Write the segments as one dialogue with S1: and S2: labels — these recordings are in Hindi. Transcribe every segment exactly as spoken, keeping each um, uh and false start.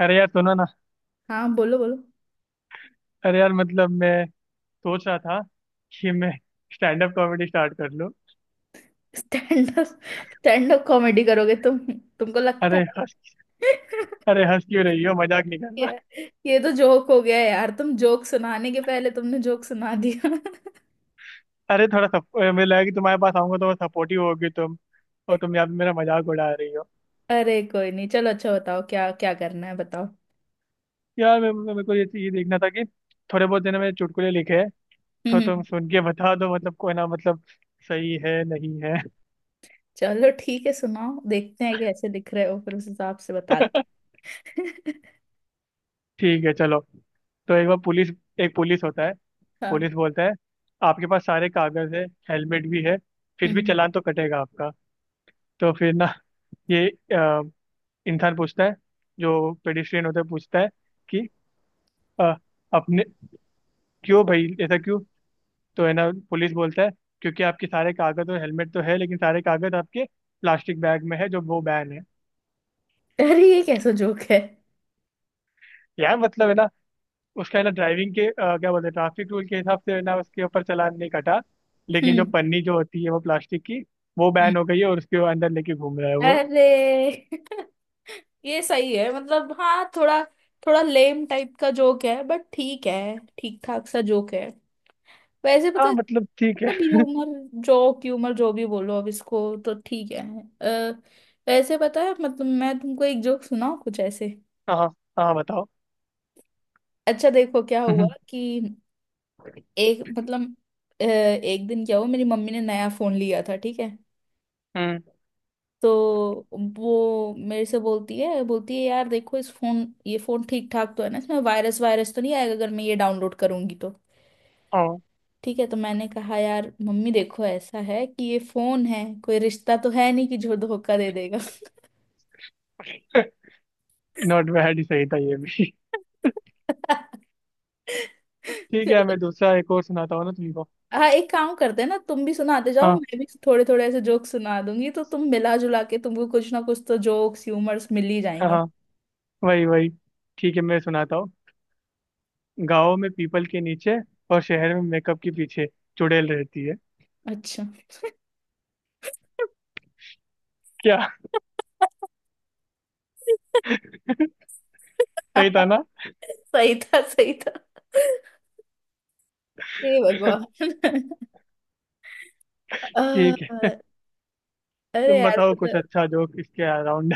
S1: अरे यार, सुनो ना।
S2: हाँ बोलो बोलो।
S1: अरे यार, मतलब मैं सोच रहा था कि मैं स्टैंड अप कॉमेडी स्टार्ट कर लूं।
S2: Stand up stand up comedy करोगे तुम? तुमको लगता
S1: अरे हंस
S2: है?
S1: अरे हंस क्यों रही हो, मजाक नहीं कर रहा।
S2: ये ये तो जोक हो गया यार। तुम जोक सुनाने के पहले तुमने जोक सुना दिया।
S1: अरे थोड़ा सप, मुझे लगा कि तुम्हारे पास आऊंगा तो सपोर्टिव होगी तुम। और तुम यहाँ पे मेरा मजाक उड़ा रही हो।
S2: अरे कोई नहीं, चलो, अच्छा बताओ क्या क्या करना है बताओ।
S1: यार, मैं मैं- मेरे को ये ये देखना था कि थोड़े बहुत देर मैंने चुटकुले लिखे हैं।
S2: हम्म
S1: तो तुम
S2: हम्म।
S1: सुन के बता दो, मतलब कोई ना, मतलब सही है नहीं है।
S2: चलो ठीक है, सुनाओ, देखते हैं कैसे दिख रहे हो फिर उस हिसाब से बताते हैं।
S1: ठीक है, चलो। तो एक बार पुलिस एक पुलिस होता है।
S2: हाँ।
S1: पुलिस बोलता है, आपके पास सारे कागज है, हेलमेट भी है, फिर
S2: हम्म
S1: भी
S2: हम्म।
S1: चालान तो कटेगा आपका। तो फिर ना, ये अ, इंसान पूछता है, जो पेडिस्ट्रियन होता है पूछता है कि अ, अपने, क्यों भाई, ऐसा क्यों? तो है ना, पुलिस बोलता है, क्योंकि आपके सारे कागज और हेलमेट तो है, लेकिन सारे कागज आपके प्लास्टिक बैग में है जो वो बैन है।
S2: अरे ये कैसा जोक है?
S1: यार मतलब है ना, उसका है ना, ड्राइविंग के अ, क्या बोलते हैं, ट्रैफिक रूल के हिसाब से है ना, उसके ऊपर चालान नहीं कटा। लेकिन जो
S2: हम्म
S1: पन्नी जो होती है वो प्लास्टिक की, वो
S2: हम्म।
S1: बैन हो गई है और उसके वो अंदर लेके घूम रहा है वो।
S2: अरे, ये सही है मतलब। हाँ थोड़ा थोड़ा लेम टाइप का जोक है बट ठीक है, ठीक ठाक सा जोक है। वैसे पता
S1: हाँ
S2: है
S1: मतलब ठीक
S2: मतलब
S1: है।
S2: ह्यूमर जोक ह्यूमर जो भी बोलो अब इसको, तो ठीक है। अ, वैसे पता है, मतलब मैं तुमको एक जोक सुनाऊँ कुछ ऐसे।
S1: हाँ हाँ, बताओ।
S2: अच्छा देखो क्या हुआ
S1: हम्म
S2: कि एक मतलब अ, एक दिन क्या हुआ, मेरी मम्मी ने नया फोन लिया था, ठीक है।
S1: हम्म,
S2: तो वो मेरे से बोलती है, बोलती है, यार देखो इस फोन ये फोन ठीक ठाक तो है ना, इसमें वायरस वायरस तो नहीं आएगा अगर मैं ये डाउनलोड करूंगी तो?
S1: हाँ।
S2: ठीक है तो मैंने कहा, यार मम्मी देखो, ऐसा है कि ये फोन है, कोई रिश्ता तो है नहीं कि जो धोखा दे देगा।
S1: नॉट बैड, ही सही था ये भी। ठीक
S2: चलो।
S1: है, मैं दूसरा एक और सुनाता हूँ ना तुमको।
S2: हाँ, एक काम करते हैं ना, तुम भी सुनाते जाओ,
S1: हाँ
S2: मैं भी थोड़े थोड़े ऐसे जोक्स सुना दूंगी तो तुम मिला जुला के तुमको कुछ ना कुछ तो जोक्स ह्यूमर्स मिल ही
S1: हाँ
S2: जाएंगे।
S1: हाँ, वही वही। ठीक है, मैं सुनाता हूँ। गाँव में पीपल के नीचे और शहर में मेकअप के पीछे चुड़ैल रहती है।
S2: अच्छा।
S1: क्या? सही था ना?
S2: सही था सही था। हे भगवान।
S1: ठीक है।
S2: अ- अरे
S1: तुम
S2: यार।
S1: बताओ कुछ अच्छा जोक इसके अराउंड।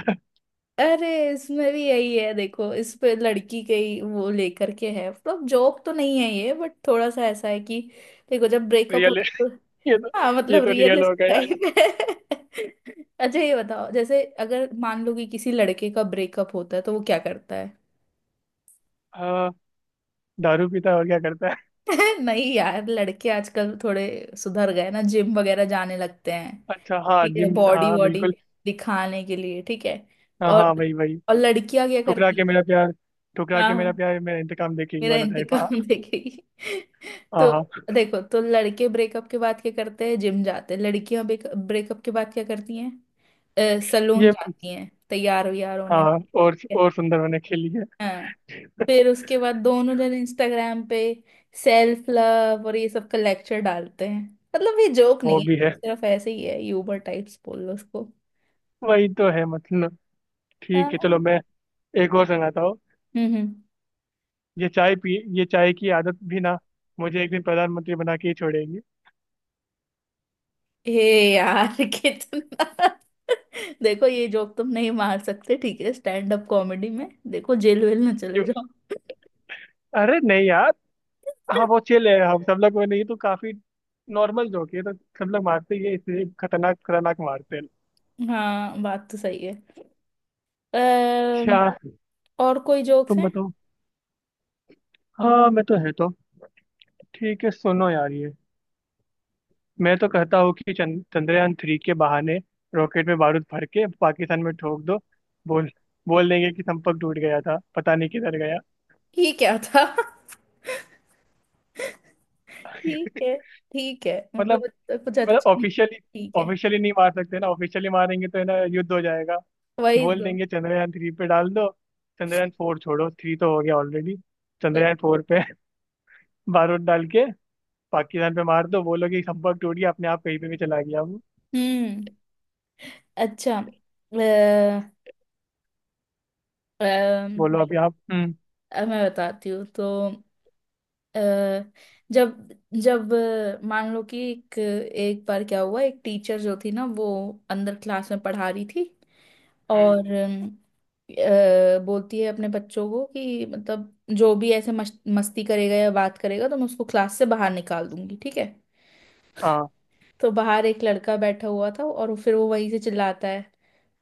S2: अरे इसमें भी यही है, देखो इस पे लड़की के ही वो लेकर के है, मतलब जोक तो नहीं है ये, बट थोड़ा सा ऐसा है कि देखो जब ब्रेकअप
S1: रियल है
S2: होता है तो।
S1: ये तो,
S2: हाँ
S1: ये
S2: मतलब
S1: तो
S2: रियल
S1: रियल हो गया।
S2: टाइप है। अच्छा ये बताओ, जैसे अगर मान लो कि किसी लड़के का ब्रेकअप होता है तो वो क्या करता है?
S1: हाँ, दारू पीता है और क्या करता है?
S2: नहीं यार, लड़के आजकल थोड़े सुधर गए ना, जिम वगैरह जाने लगते हैं।
S1: अच्छा हाँ,
S2: ठीक है,
S1: जिम,
S2: बॉडी
S1: हाँ
S2: वॉडी
S1: बिल्कुल।
S2: दिखाने के लिए, ठीक है।
S1: हाँ
S2: और
S1: हाँ, वही वही।
S2: और लड़कियां क्या
S1: ठुकरा
S2: करती
S1: के
S2: हैं?
S1: मेरा प्यार, ठुकरा के मेरा प्यार, मेरा इंतकाम देखेगी
S2: मेरा
S1: वाला टाइप, हाँ।
S2: इंतकाम देखेगी।
S1: हाँ
S2: तो
S1: हाँ,
S2: देखो, तो लड़के ब्रेकअप के बाद क्या करते हैं, जिम जाते हैं, लड़कियां ब्रेकअप के बाद क्या करती हैं, सलून
S1: ये,
S2: जाती हैं तैयार व्यार होने।
S1: हाँ, और और सुंदर होने के लिए।
S2: हाँ फिर उसके बाद दोनों जन इंस्टाग्राम पे सेल्फ लव और ये सब का लेक्चर डालते हैं। मतलब ये जोक
S1: वो
S2: नहीं
S1: भी
S2: है, ये
S1: है,
S2: सिर्फ ऐसे ही है, यूबर टाइप्स बोल लो उसको।
S1: वही तो है मतलब। ठीक
S2: हाँ।
S1: है, चलो मैं एक और सुनाता हूँ।
S2: हम्म हम्म।
S1: ये चाय पी ये चाय की आदत भी ना मुझे एक दिन प्रधानमंत्री बना के ही छोड़ेगी।
S2: हे यार, कितना। देखो ये जोक तुम नहीं मार सकते, ठीक है स्टैंड अप कॉमेडी में, देखो जेल वेल ना चले
S1: क्यों?
S2: जाओ।
S1: अरे नहीं। हाँ वो चिल है, हम सब लोग, वो नहीं तो काफी नॉर्मल जोक है, तो सब लोग मारते ही है, इसलिए खतरनाक खतरनाक मारते हैं।
S2: हाँ बात तो सही है। अम्म,
S1: अच्छा।
S2: और कोई जोक्स
S1: तुम
S2: हैं?
S1: बताओ। हाँ, मैं तो है तो, ठीक है सुनो यार ये, मैं तो कहता हूँ कि चंद, चंद्रयान थ्री के बहाने रॉकेट में बारूद भर के पाकिस्तान में ठोक दो। बोल बोल देंगे कि संपर्क टूट गया था, पता नहीं किधर गया।
S2: ये क्या था? ठीक है ठीक है, मतलब
S1: मतलब
S2: इतना कुछ
S1: मतलब
S2: अच्छा नहीं है,
S1: ऑफिशियली
S2: ठीक है।
S1: ऑफिशियली नहीं मार सकते ना, ऑफिशियली मारेंगे तो है ना युद्ध हो जाएगा।
S2: वही
S1: बोल
S2: दो।
S1: देंगे चंद्रयान थ्री पे डाल दो। चंद्रयान फोर छोड़ो, थ्री तो हो गया ऑलरेडी। चंद्रयान फोर पे बारूद डाल के पाकिस्तान पे मार दो, बोलो कि संपर्क टूट गया, अपने आप कहीं पे भी चला गया वो।
S2: हम्म। अच्छा, अ, अम,
S1: बोलो अभी आप। हम्म
S2: अ, मैं बताती हूँ तो। अ, जब जब अ, मान लो कि एक एक बार क्या हुआ, एक टीचर जो थी ना वो अंदर क्लास में पढ़ा रही थी।
S1: हम्म,
S2: और अम, अ, बोलती है अपने बच्चों को कि मतलब जो भी ऐसे मस्त, मस्ती करेगा या बात करेगा तो मैं उसको क्लास से बाहर निकाल दूंगी, ठीक है।
S1: हाँ।
S2: तो बाहर एक लड़का बैठा हुआ था और फिर वो वहीं से चिल्लाता है,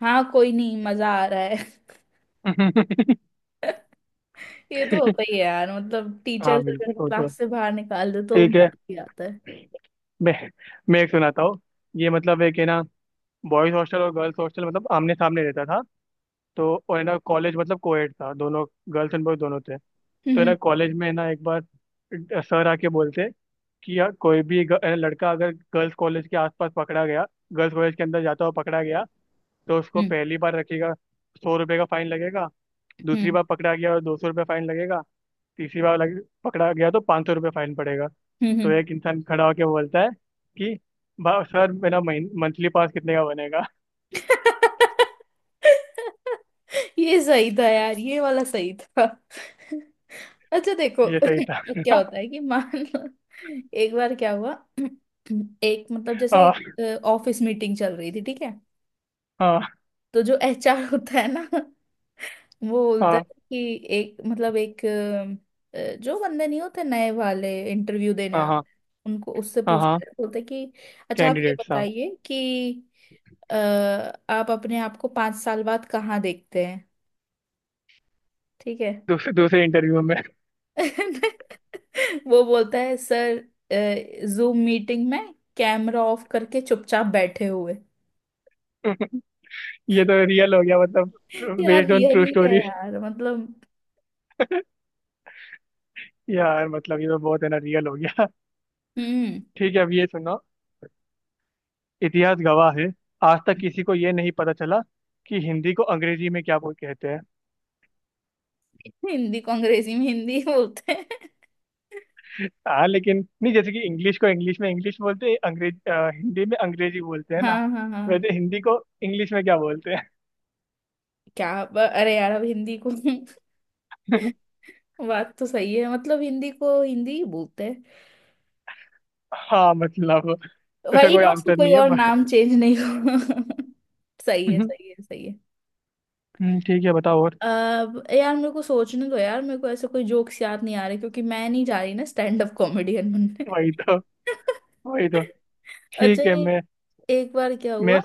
S2: हाँ कोई नहीं मजा आ रहा है। ये तो होता ही है यार, मतलब टीचर
S1: हाँ
S2: अगर
S1: बिल्कुल, वो तो।
S2: क्लास से बाहर निकाल दे तो
S1: ठीक है,
S2: मजा ही आता है।
S1: मैं मैं एक सुनाता हूँ। ये मतलब, एक है ना, बॉयज हॉस्टल और गर्ल्स हॉस्टल मतलब आमने सामने रहता था। तो और है ना, कॉलेज मतलब कोएड था दोनों। गर्ल्स एंड बॉयज दोनों थे। तो है
S2: हम्म
S1: ना, कॉलेज में है ना एक बार सर आके बोलते कि यार, कोई भी ग- अ, लड़का अगर गर्ल्स कॉलेज के आसपास पकड़ा गया, गर्ल्स कॉलेज के अंदर जाता हुआ पकड़ा गया, तो उसको
S2: हम्म।
S1: पहली बार रखेगा, सौ रुपये का फाइन लगेगा। दूसरी
S2: हम्म
S1: बार पकड़ा गया तो दो सौ रुपये फाइन लगेगा। तीसरी बार लग, पकड़ा गया तो पाँच सौ रुपये फाइन पड़ेगा।
S2: हम्म।
S1: तो
S2: हम्म।
S1: एक इंसान खड़ा होकर बोलता है कि "बा- सर, मेरा मंथली पास कितने का बनेगा?"
S2: ये सही था यार, ये वाला सही था। अच्छा देखो।
S1: ये सही था।
S2: क्या होता है कि मान लो एक बार क्या हुआ, एक मतलब जैसे
S1: हाँ
S2: ऑफिस मीटिंग चल रही थी, ठीक है।
S1: हाँ
S2: तो जो एच आर होता है ना, वो बोलता
S1: हाँ
S2: है कि एक मतलब एक अ, जो बंदे नहीं होते नए वाले इंटरव्यू देने
S1: हाँ
S2: आते
S1: हाँ
S2: हैं, उनको उससे
S1: हाँ
S2: पूछते
S1: हाँ।
S2: हैं, बोलते हैं कि अच्छा आप ये
S1: कैंडिडेट, हाँ।
S2: बताइए कि अ, आप अपने आप को पांच साल बाद कहाँ देखते हैं, ठीक है।
S1: दूसरे दूसरे इंटरव्यू में।
S2: वो बोलता है सर, जूम मीटिंग में कैमरा ऑफ करके चुपचाप बैठे हुए।
S1: ये तो रियल हो गया मतलब।
S2: यार
S1: बेस्ड ऑन ट्रू
S2: रियली क्या
S1: स्टोरी।
S2: है यार मतलब।
S1: यार मतलब ये तो बहुत है ना, रियल हो गया।
S2: हम्म।
S1: ठीक है, अब ये सुनो। इतिहास गवाह है, आज तक किसी को ये नहीं पता चला कि हिंदी को अंग्रेजी में क्या बोल कहते हैं।
S2: हिंदी को अंग्रेजी में हिंदी बोलते हैं।
S1: हाँ लेकिन नहीं, जैसे कि इंग्लिश को इंग्लिश में इंग्लिश बोलते हैं, अंग्रेज अ, हिंदी में अंग्रेजी बोलते हैं ना,
S2: हाँ हाँ हाँ।
S1: वैसे हिंदी को इंग्लिश में क्या बोलते हैं?
S2: क्या ब- अरे यार, अब हिंदी को। बात तो सही है, मतलब हिंदी को हिंदी ही बोलते हैं।
S1: हाँ मतलब उसका
S2: वही
S1: कोई
S2: ना, उसको
S1: आंसर
S2: कोई
S1: नहीं है
S2: और
S1: पर।
S2: नाम चेंज नहीं हुआ। सही है सही है सही है।
S1: हम्म, ठीक है बताओ और।
S2: अब यार मेरे को सोचने दो यार, मेरे को ऐसे कोई जोक्स याद नहीं आ रहे क्योंकि मैं नहीं जा रही ना स्टैंड अप कॉमेडियन बनने।
S1: वही तो, वही तो।
S2: अच्छा
S1: ठीक है,
S2: ये,
S1: मैं
S2: एक बार क्या
S1: मैं
S2: हुआ।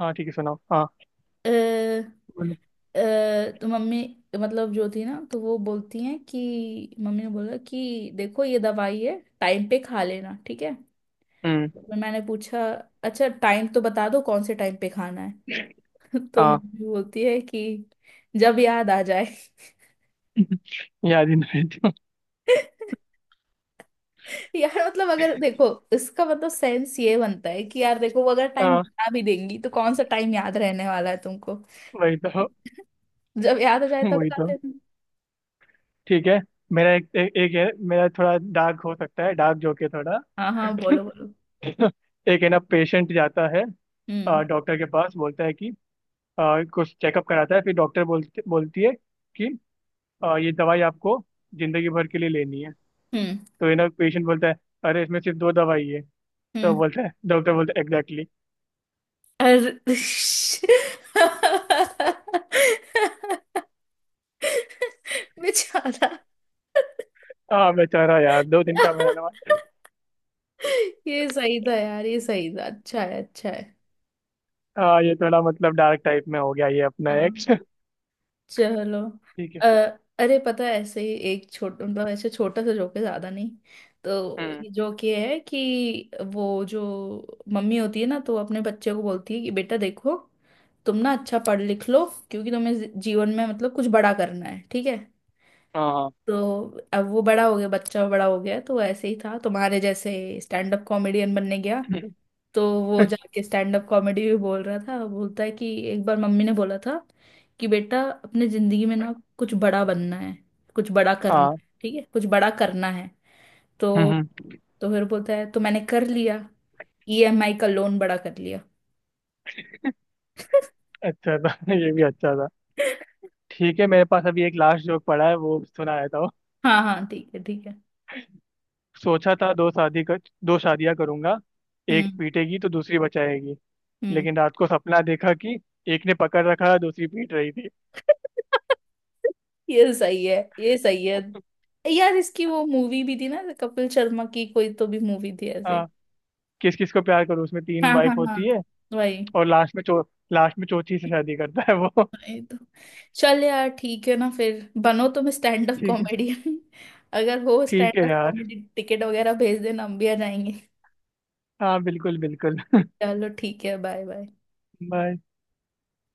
S1: हाँ ठीक है सुनाओ, हाँ
S2: अ,
S1: बोलो।
S2: अ, तो मम्मी, मतलब जो थी ना, तो वो बोलती हैं कि मम्मी ने बोला कि देखो ये दवाई है टाइम पे खा लेना, ठीक है।
S1: हम्म,
S2: मैं- मैंने पूछा, अच्छा टाइम तो बता दो कौन से टाइम पे खाना है। तो
S1: हाँ।
S2: मम्मी बोलती है कि जब याद आ जाए।
S1: याद ही नहीं।
S2: यार मतलब अगर देखो, इसका मतलब सेंस ये बनता है कि यार देखो, वो अगर टाइम
S1: हाँ,
S2: बता भी देंगी तो कौन सा टाइम याद रहने वाला है तुमको?
S1: वही तो,
S2: जब याद आ जाए तब
S1: वही
S2: खा
S1: तो।
S2: लेना।
S1: ठीक है, मेरा एक ए, एक है मेरा, थोड़ा डार्क हो सकता है, डार्क जोक है थोड़ा।
S2: हाँ हाँ बोलो बोलो।
S1: एक है ना, पेशेंट जाता है
S2: हम्म
S1: डॉक्टर के पास, बोलता है कि अ, कुछ चेकअप कराता है, फिर डॉक्टर बोलती बोलती है कि अ, ये दवाई आपको जिंदगी भर के लिए लेनी है।
S2: हम्म।
S1: तो ये ना पेशेंट बोलता है, अरे इसमें सिर्फ दो दवाई है। तो
S2: हम्म।
S1: बोलता है, डॉक्टर बोलता है, एग्जैक्टली।
S2: अरे, बेचारा।
S1: हाँ बेचारा, यार दो दिन का मेहनत।
S2: ये सही था यार ये सही था, अच्छा है अच्छा है।
S1: हाँ ये थोड़ा मतलब डार्क टाइप में हो गया, ये अपना
S2: हाँ
S1: एक।
S2: चलो।
S1: ठीक है।
S2: अ, अरे पता है, ऐसे ही एक छोटा मतलब ऐसे छोटा सा जोक है, ज्यादा नहीं। तो
S1: हम्म
S2: ये जोक ये है कि वो जो मम्मी होती है ना, तो वो अपने बच्चे को बोलती है कि बेटा देखो, तुम ना अच्छा पढ़ लिख लो क्योंकि तुम्हें जी- जीवन में मतलब कुछ बड़ा करना है, ठीक है।
S1: हाँ
S2: तो अब वो बड़ा हो गया, बच्चा बड़ा हो गया, तो वो ऐसे ही था तुम्हारे जैसे, स्टैंड अप कॉमेडियन बनने गया। तो वो जाके स्टैंड अप कॉमेडी भी बोल रहा था, बोलता है कि एक बार मम्मी ने बोला था कि बेटा अपने जिंदगी में ना कुछ बड़ा बनना है, कुछ बड़ा करना
S1: हाँ
S2: है, ठीक है कुछ बड़ा करना है। तो
S1: हम्म,
S2: तो फिर बोलता है, तो मैंने कर लिया, ई एम आई का लोन बड़ा कर लिया।
S1: अच्छा था। ये भी अच्छा था। ठीक है, मेरे पास अभी एक लास्ट जोक पड़ा है, वो सुना देता हूँ।
S2: हाँ हाँ ठीक है ठीक है।
S1: सोचा था दो शादी कर दो शादियां करूंगा, एक
S2: हम्म
S1: पीटेगी तो दूसरी बचाएगी।
S2: हम्म।
S1: लेकिन रात को सपना देखा कि एक ने पकड़ रखा, दूसरी पीट रही थी।
S2: ये सही है ये सही है, यार इसकी वो मूवी भी थी ना कपिल शर्मा की, कोई तो भी मूवी थी ऐसे।
S1: हाँ, किस किस को प्यार करूँ, उसमें तीन
S2: हाँ हाँ
S1: वाइफ
S2: हाँ
S1: होती है,
S2: वही।
S1: और लास्ट में चौ लास्ट में चौथी से शादी करता है वो।
S2: ये तो। चल यार ठीक है ना फिर बनो तुम स्टैंड अप
S1: ठीक है,
S2: कॉमेडियन। अगर हो
S1: ठीक
S2: स्टैंड
S1: है
S2: अप
S1: यार।
S2: कॉमेडी टिकट वगैरह भेज देना हम भी आ जाएंगे।
S1: हाँ बिल्कुल बिल्कुल।
S2: चलो ठीक है बाय बाय।
S1: बाय।